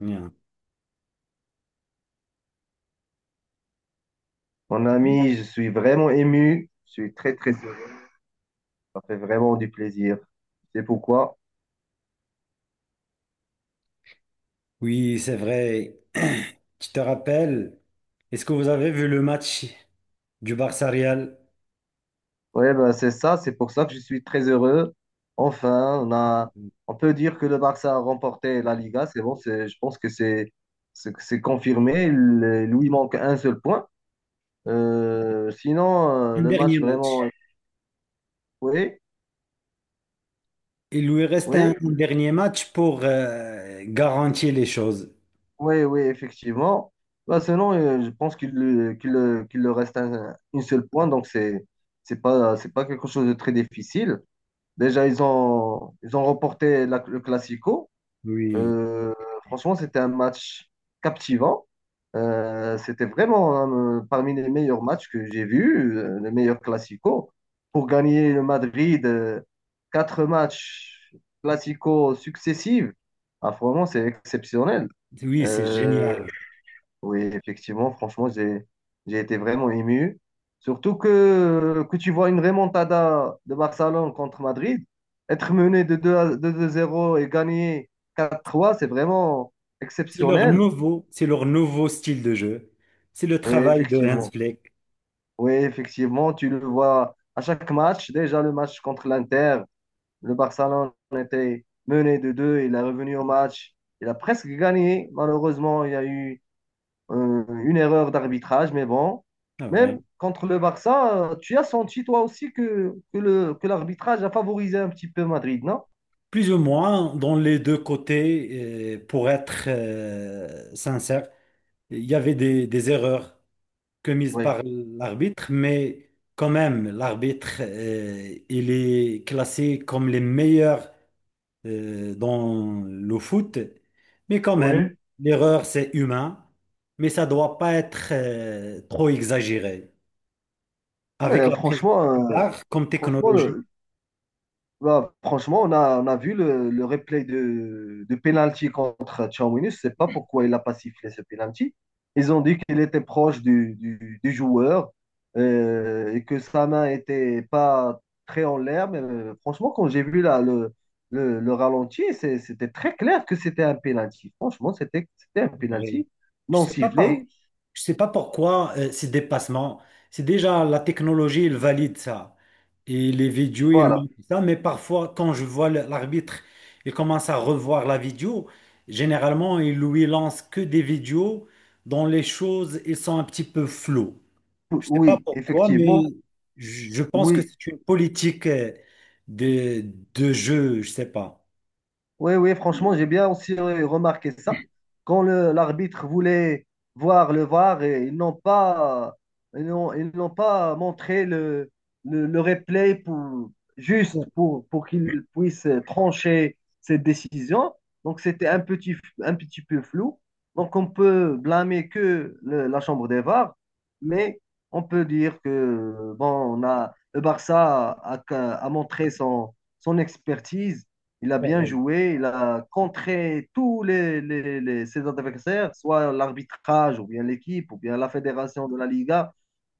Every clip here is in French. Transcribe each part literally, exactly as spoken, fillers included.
Bien. Mon ami, je suis vraiment ému. Je suis très, très heureux. Ça fait vraiment du plaisir. C'est pourquoi? Oui, c'est vrai. Tu te rappelles, est-ce que vous avez vu le match du Barça Real? Ouais, ben, c'est ça. C'est pour ça que je suis très heureux. Enfin, on a, on peut dire que le Barça a remporté la Liga. C'est bon, c'est, je pense que c'est, c'est c'est confirmé. Il lui manque un seul point. Euh, sinon, euh, Un le dernier match vraiment. match. Oui, Il lui reste un oui. un dernier match pour euh, garantir les choses. Oui, oui, effectivement. Bah, sinon, euh, je pense qu'il lui- qu'il, euh, qu'il leur reste un, une seule point, donc c'est c'est pas, c'est pas quelque chose de très difficile. Déjà, ils ont, ils ont remporté la- le Classico. Oui, Euh, Franchement, c'était un match captivant. Euh, c'était vraiment hein, euh, parmi les meilleurs matchs que j'ai vus, euh, les meilleurs Clasico. Pour gagner le Madrid, euh, quatre matchs Clasico successifs, ah, vraiment, c'est exceptionnel. oui, c'est Euh, génial. oui, effectivement, franchement, j'ai j'ai été vraiment ému. Surtout que, que tu vois une remontada de Barcelone contre Madrid, être mené de deux à- de deux à zéro et gagner quatre trois, c'est vraiment C'est leur exceptionnel. nouveau, c'est leur nouveau style de jeu. C'est le Oui, travail de Hans effectivement. Flick, Oui, effectivement, tu le vois à chaque match. Déjà, le match contre l'Inter, le Barcelone était mené de deux, il est revenu au match, il a presque gagné. Malheureusement, il y a eu Euh, une erreur d'arbitrage, mais bon, c'est même vrai. contre le Barça, euh, tu as senti toi aussi que, que le, que l'arbitrage a favorisé un petit peu Madrid, non? Plus ou moins dans les deux côtés, euh, pour être euh, sincère, il y avait des, des erreurs commise Oui. par l'arbitre. Mais quand même, l'arbitre, euh, il est classé comme les meilleurs euh, dans le foot, mais quand même, Oui. l'erreur, c'est humain, mais ça doit pas être euh, trop exagéré. Avec Mais la prise franchement, du euh, V A R comme franchement, technologie, le, Bah, franchement, on a, on a vu le, le replay de, de penalty contre Tchouaméni. Je ne sais pas pourquoi il n'a pas sifflé ce penalty. Ils ont dit qu'il était proche du, du- du joueur euh, et que sa main était pas très en l'air. Mais euh, franchement, quand j'ai vu là, le, le, le ralenti, c'est- c'était très clair que c'était un penalty. Franchement, c'était c'était un vrai. penalty Je non sais pas par- sifflé. je sais pas pourquoi euh, ces dépassements. C'est déjà la technologie, elle valide ça. Et les vidéos, ils Voilà. montrent ça. Mais parfois, quand je vois le- l'arbitre, il commence à revoir la vidéo. Généralement, il lui lance que des vidéos dont les choses, ils sont un petit peu floues. Je sais pas Oui, pourquoi, effectivement. mais je je pense que Oui, c'est une politique euh, de, de jeu. Je sais pas. oui, oui, franchement, j'ai bien aussi euh, remarqué ça. Quand le- l'arbitre voulait voir le VAR, et ils n'ont pas, ils n'ont, ils n'ont pas montré le, le, le replay pour, juste Bon, pour, pour qu'ils puissent trancher cette décision. Donc, c'était un petit, un petit peu flou. Donc, on peut blâmer que le- la chambre des VAR, mais on peut dire que bon, on a, le Barça a, a montré son, son expertise. Il a c'est bien vrai, joué, il a contré tous les, les- les- ses adversaires, soit l'arbitrage, ou bien l'équipe, ou bien la fédération de la Liga.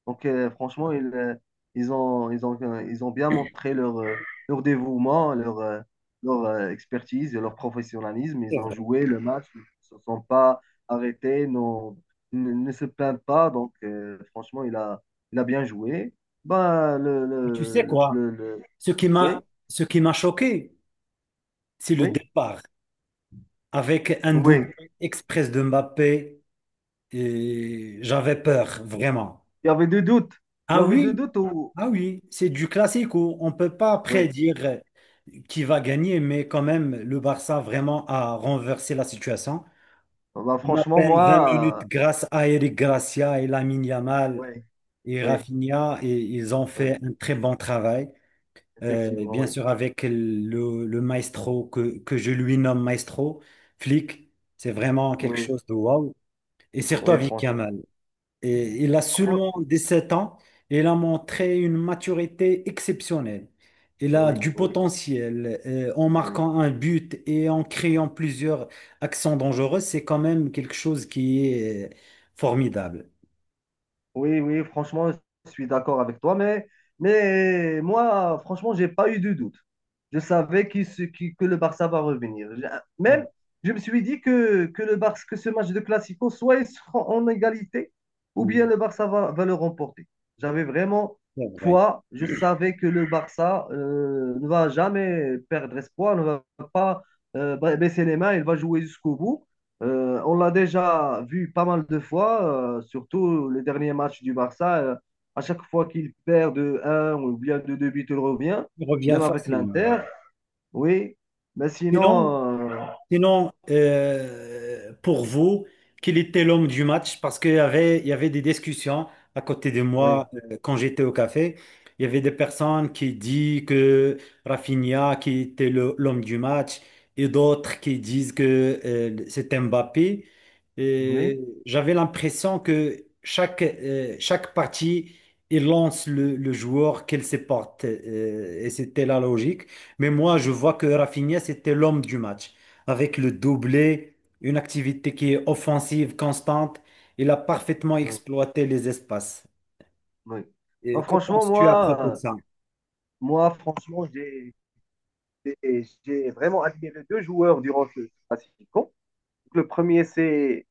Donc, euh, franchement, ils, euh, ils ont, ils ont, euh, ils ont bien montré leur, euh, leur dévouement, leur, euh, leur euh, expertise et leur professionnalisme. Ils c'est ont vrai. joué le match, ils ne se sont pas arrêtés, n'ont- ne, ne se plaignent pas. Donc, euh, franchement, il a, il a bien joué. Ben, le, Mais tu sais le, quoi? le, le- Ce qui m'a, oui, ce qui m'a choqué. C'est le oui, départ. Avec un oui. double express de Mbappé, et j'avais peur, vraiment. Il y avait des doutes. Tu Ah avais des oui, doutes ou? ah oui, c'est du classico. On ne peut pas Oui. prédire qui va gagner, mais quand même, le Barça vraiment a renversé la situation. Ah, bah, En à franchement, peine vingt moi, minutes, euh, grâce à Eric Gracia et Lamine oui, Yamal et oui, Rafinha, et ils ont oui. fait un très bon travail. Euh, Effectivement, bien oui. sûr avec le, le maestro que, que je lui nomme maestro, Flick, c'est vraiment quelque Oui, chose de waouh. Et surtout oui, avec franchement. Yamal. Et il a Fran- seulement dix-sept ans et il a montré une maturité exceptionnelle. Il a Oui, du oui, potentiel, euh, en oui. marquant un but et en créant plusieurs accents dangereux. C'est quand même quelque chose qui est euh, formidable. Oui, oui, franchement, je suis d'accord avec toi, mais, mais moi, franchement, j'ai pas eu de doute. Je savais qu'il se- qu'il- que le Barça va revenir. J'ai- Même, Oui, je me suis dit que, que, le Barça, que ce match de Classico, soit ils seront en égalité, ou bien oui, le Barça va, va le remporter. J'avais vraiment c'est vrai. foi, je savais que le Barça euh, ne va jamais perdre espoir, ne va pas euh, baisser les mains, il va jouer jusqu'au bout. Euh, on l'a déjà vu pas mal de fois, euh, surtout les derniers matchs du Barça. Euh, à chaque fois qu'il perd de un, ou bien de deux buts, il revient, Il revient même avec facilement. l'Inter. Oui, mais Sinon, sinon, euh, sinon, euh, pour vous, quel était l'homme du match? Parce qu'il y avait, il y avait des discussions à côté de oui, moi euh, quand j'étais au café. Il y avait des personnes qui disent que Rafinha qui était le- l'homme du match et d'autres qui disent que euh, c'était Mbappé. Et oui, j'avais l'impression que chaque, euh, chaque partie il lance le, le joueur qu'elle se porte, euh, et c'était la logique. Mais moi, je vois que Rafinha, c'était l'homme du match avec le doublé, une activité qui est offensive, constante. Il a parfaitement oui, exploité les espaces. oui. Et Bah, que franchement, penses-tu à propos de moi, euh, ça? moi, franchement, j'ai j'ai- j'ai vraiment admiré deux joueurs durant ce classico. Le premier, c'est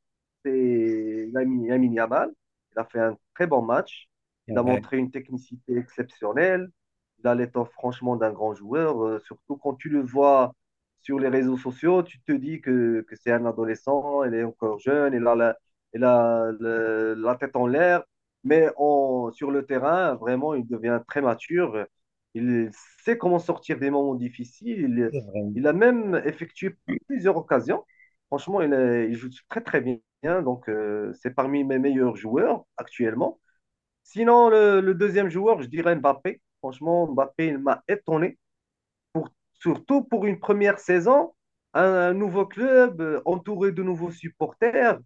c'est Lamine Lamine Yamal. Il a fait un très bon match. Il C'est a vrai, montré une technicité exceptionnelle. Il a l'étoffe franchement d'un grand joueur. Euh, surtout quand tu le vois sur les réseaux sociaux, tu te dis que, que c'est un adolescent, il est encore jeune, il a la, il a le- la tête en l'air. Mais en- sur le terrain, vraiment, il devient très mature. Il sait comment sortir des moments difficiles. Il, c'est vrai. il a même effectué plusieurs occasions. Franchement, il, est- il joue très très bien. Donc, euh, c'est parmi mes meilleurs joueurs actuellement. Sinon, le, le deuxième joueur, je dirais Mbappé. Franchement, Mbappé, il m'a étonné. Surtout pour une première saison, un, un nouveau club, euh, entouré de nouveaux supporters.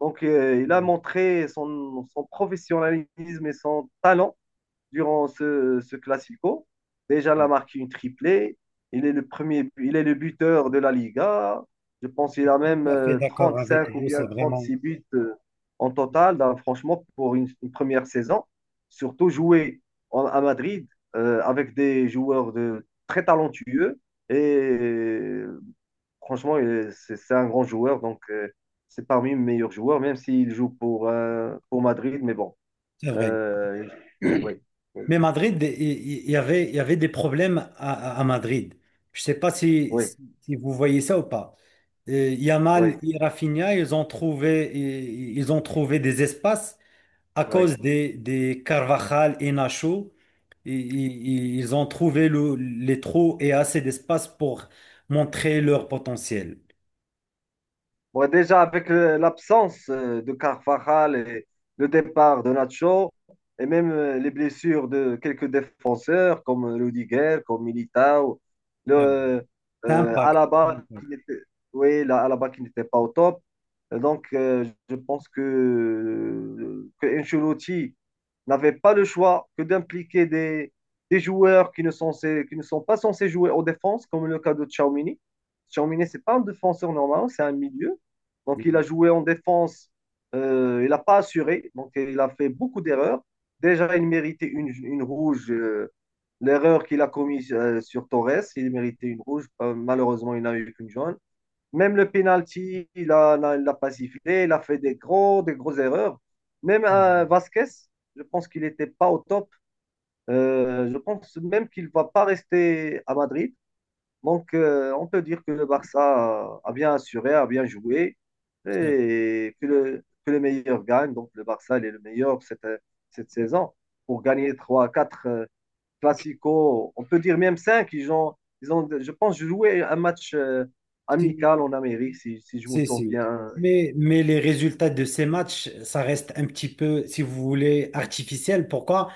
Donc, euh, il a Je montré son, son professionnalisme et son talent durant ce, ce Classico. Déjà, il a marqué une triplée. Il est le premier, il est le buteur de la Liga. Je pense qu'il suis a tout même à fait euh, d'accord avec trente-cinq ou vous, bien c'est vraiment, trente-six buts euh, en total. Donc, franchement, pour une, une première saison. Surtout jouer en- à Madrid euh, avec des joueurs de, très talentueux. Et euh, franchement, il c'est c'est un grand joueur. Donc, euh, c'est parmi les meilleurs joueurs, même s'il joue pour, euh, pour Madrid. Mais bon, c'est vrai. euh, oui. Mais Madrid, il il- il y avait, il y avait des problèmes à, à- à Madrid. Je ne sais pas si, Oui, si si vous voyez ça ou pas. Euh, Yamal oui, et Rafinha, ils ont trouvé, ils ils ont trouvé des espaces à oui. cause des, des Carvajal et Nacho, i- i- ils ont trouvé le- les trous et assez d'espace pour montrer leur potentiel. Ouais, déjà, avec euh, l'absence euh, de Carvajal et le départ de Nacho, et même euh, les blessures de quelques défenseurs comme euh, Rudiger, comme Militao, Euh, le, euh, Impact. Alaba Impact. qui n'était, oui, la- Alaba qui n'était pas au top. Et donc, euh, je pense que, que Ancelotti n'avait pas le choix que d'impliquer des, des joueurs qui ne sont, censés- qui ne sont pas censés jouer en défense, comme le cas de Tchouaméni. Tchouaméni, c'est pas un défenseur normal, c'est un milieu. Donc, il a euh, joué en défense. Euh, il n'a pas assuré. Donc, il a fait beaucoup d'erreurs. Déjà, il méritait une, une rouge. Euh, l'erreur qu'il a commise euh, sur Torres, il méritait une rouge. Euh, malheureusement, il n'a eu qu'une jaune. Même le penalty, il n'a a, il l'a pas sifflé. Il a fait des gros, des grosses erreurs. Même euh, euh, Vasquez, je pense qu'il n'était pas au top. Euh, je pense même qu'il ne va pas rester à Madrid. Donc, euh, on peut dire que le Barça a bien assuré, a bien joué euh, et que le, que le meilleur gagne. Donc, le Barça, il est le meilleur cette, cette saison pour gagner trois, quatre clasico. On peut dire même cinq. Ils ont, ils ont, je pense, joué un match euh, Si, amical en Amérique, si, si je me si, si. souviens. Mais, mais les résultats de ces matchs, ça reste un petit peu, si vous voulez, artificiel. Pourquoi?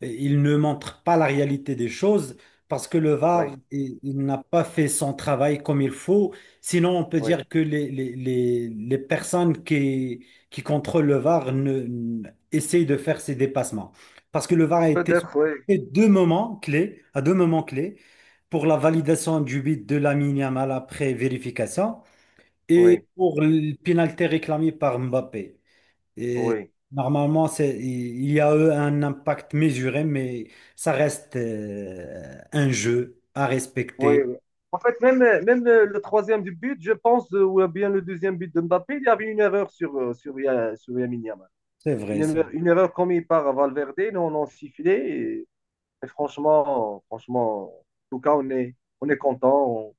Il ne montre pas la réalité des choses parce que le Oui, V A R, il il n'a pas fait son travail comme il faut. Sinon, on peut oui. dire que les, les, les, les personnes qui, qui contrôlent le V A R ne, ne- essayent de faire ces dépassements. Parce que le V A R a été Peut-être, oui, fait deux moments clés, à deux moments clés, pour la validation du but de Lamine Yamal après vérification et oui, pour le pénalité réclamé par Mbappé. Et oui, normalement, c'est, il y a eu un impact mesuré, mais ça reste euh, un jeu à oui. respecter. En fait, même, même le, le troisième du but, je pense, euh, ou bien le deuxième but de Mbappé, il y avait une erreur sur, euh, sur, Ya- sur Lamine Yamal. C'est vrai, une ça. erreur, une erreur commise par Valverde, nous on l'a sifflé. Et, et franchement, franchement, en tout cas, on est, on est content. On-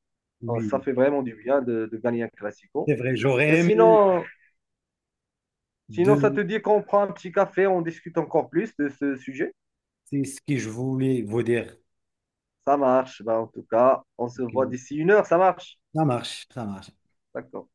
on- Ça Oui, fait vraiment du bien de, de gagner un classico. c'est vrai. Et J'aurais aimé sinon, sinon, ça te de... dit qu'on prend un petit café, on discute encore plus de ce sujet? C'est ce que je voulais vous dire. Ça marche. Ben, en tout cas, on se voit Ok. d'ici une heure. Ça marche. Ça marche, ça marche. D'accord.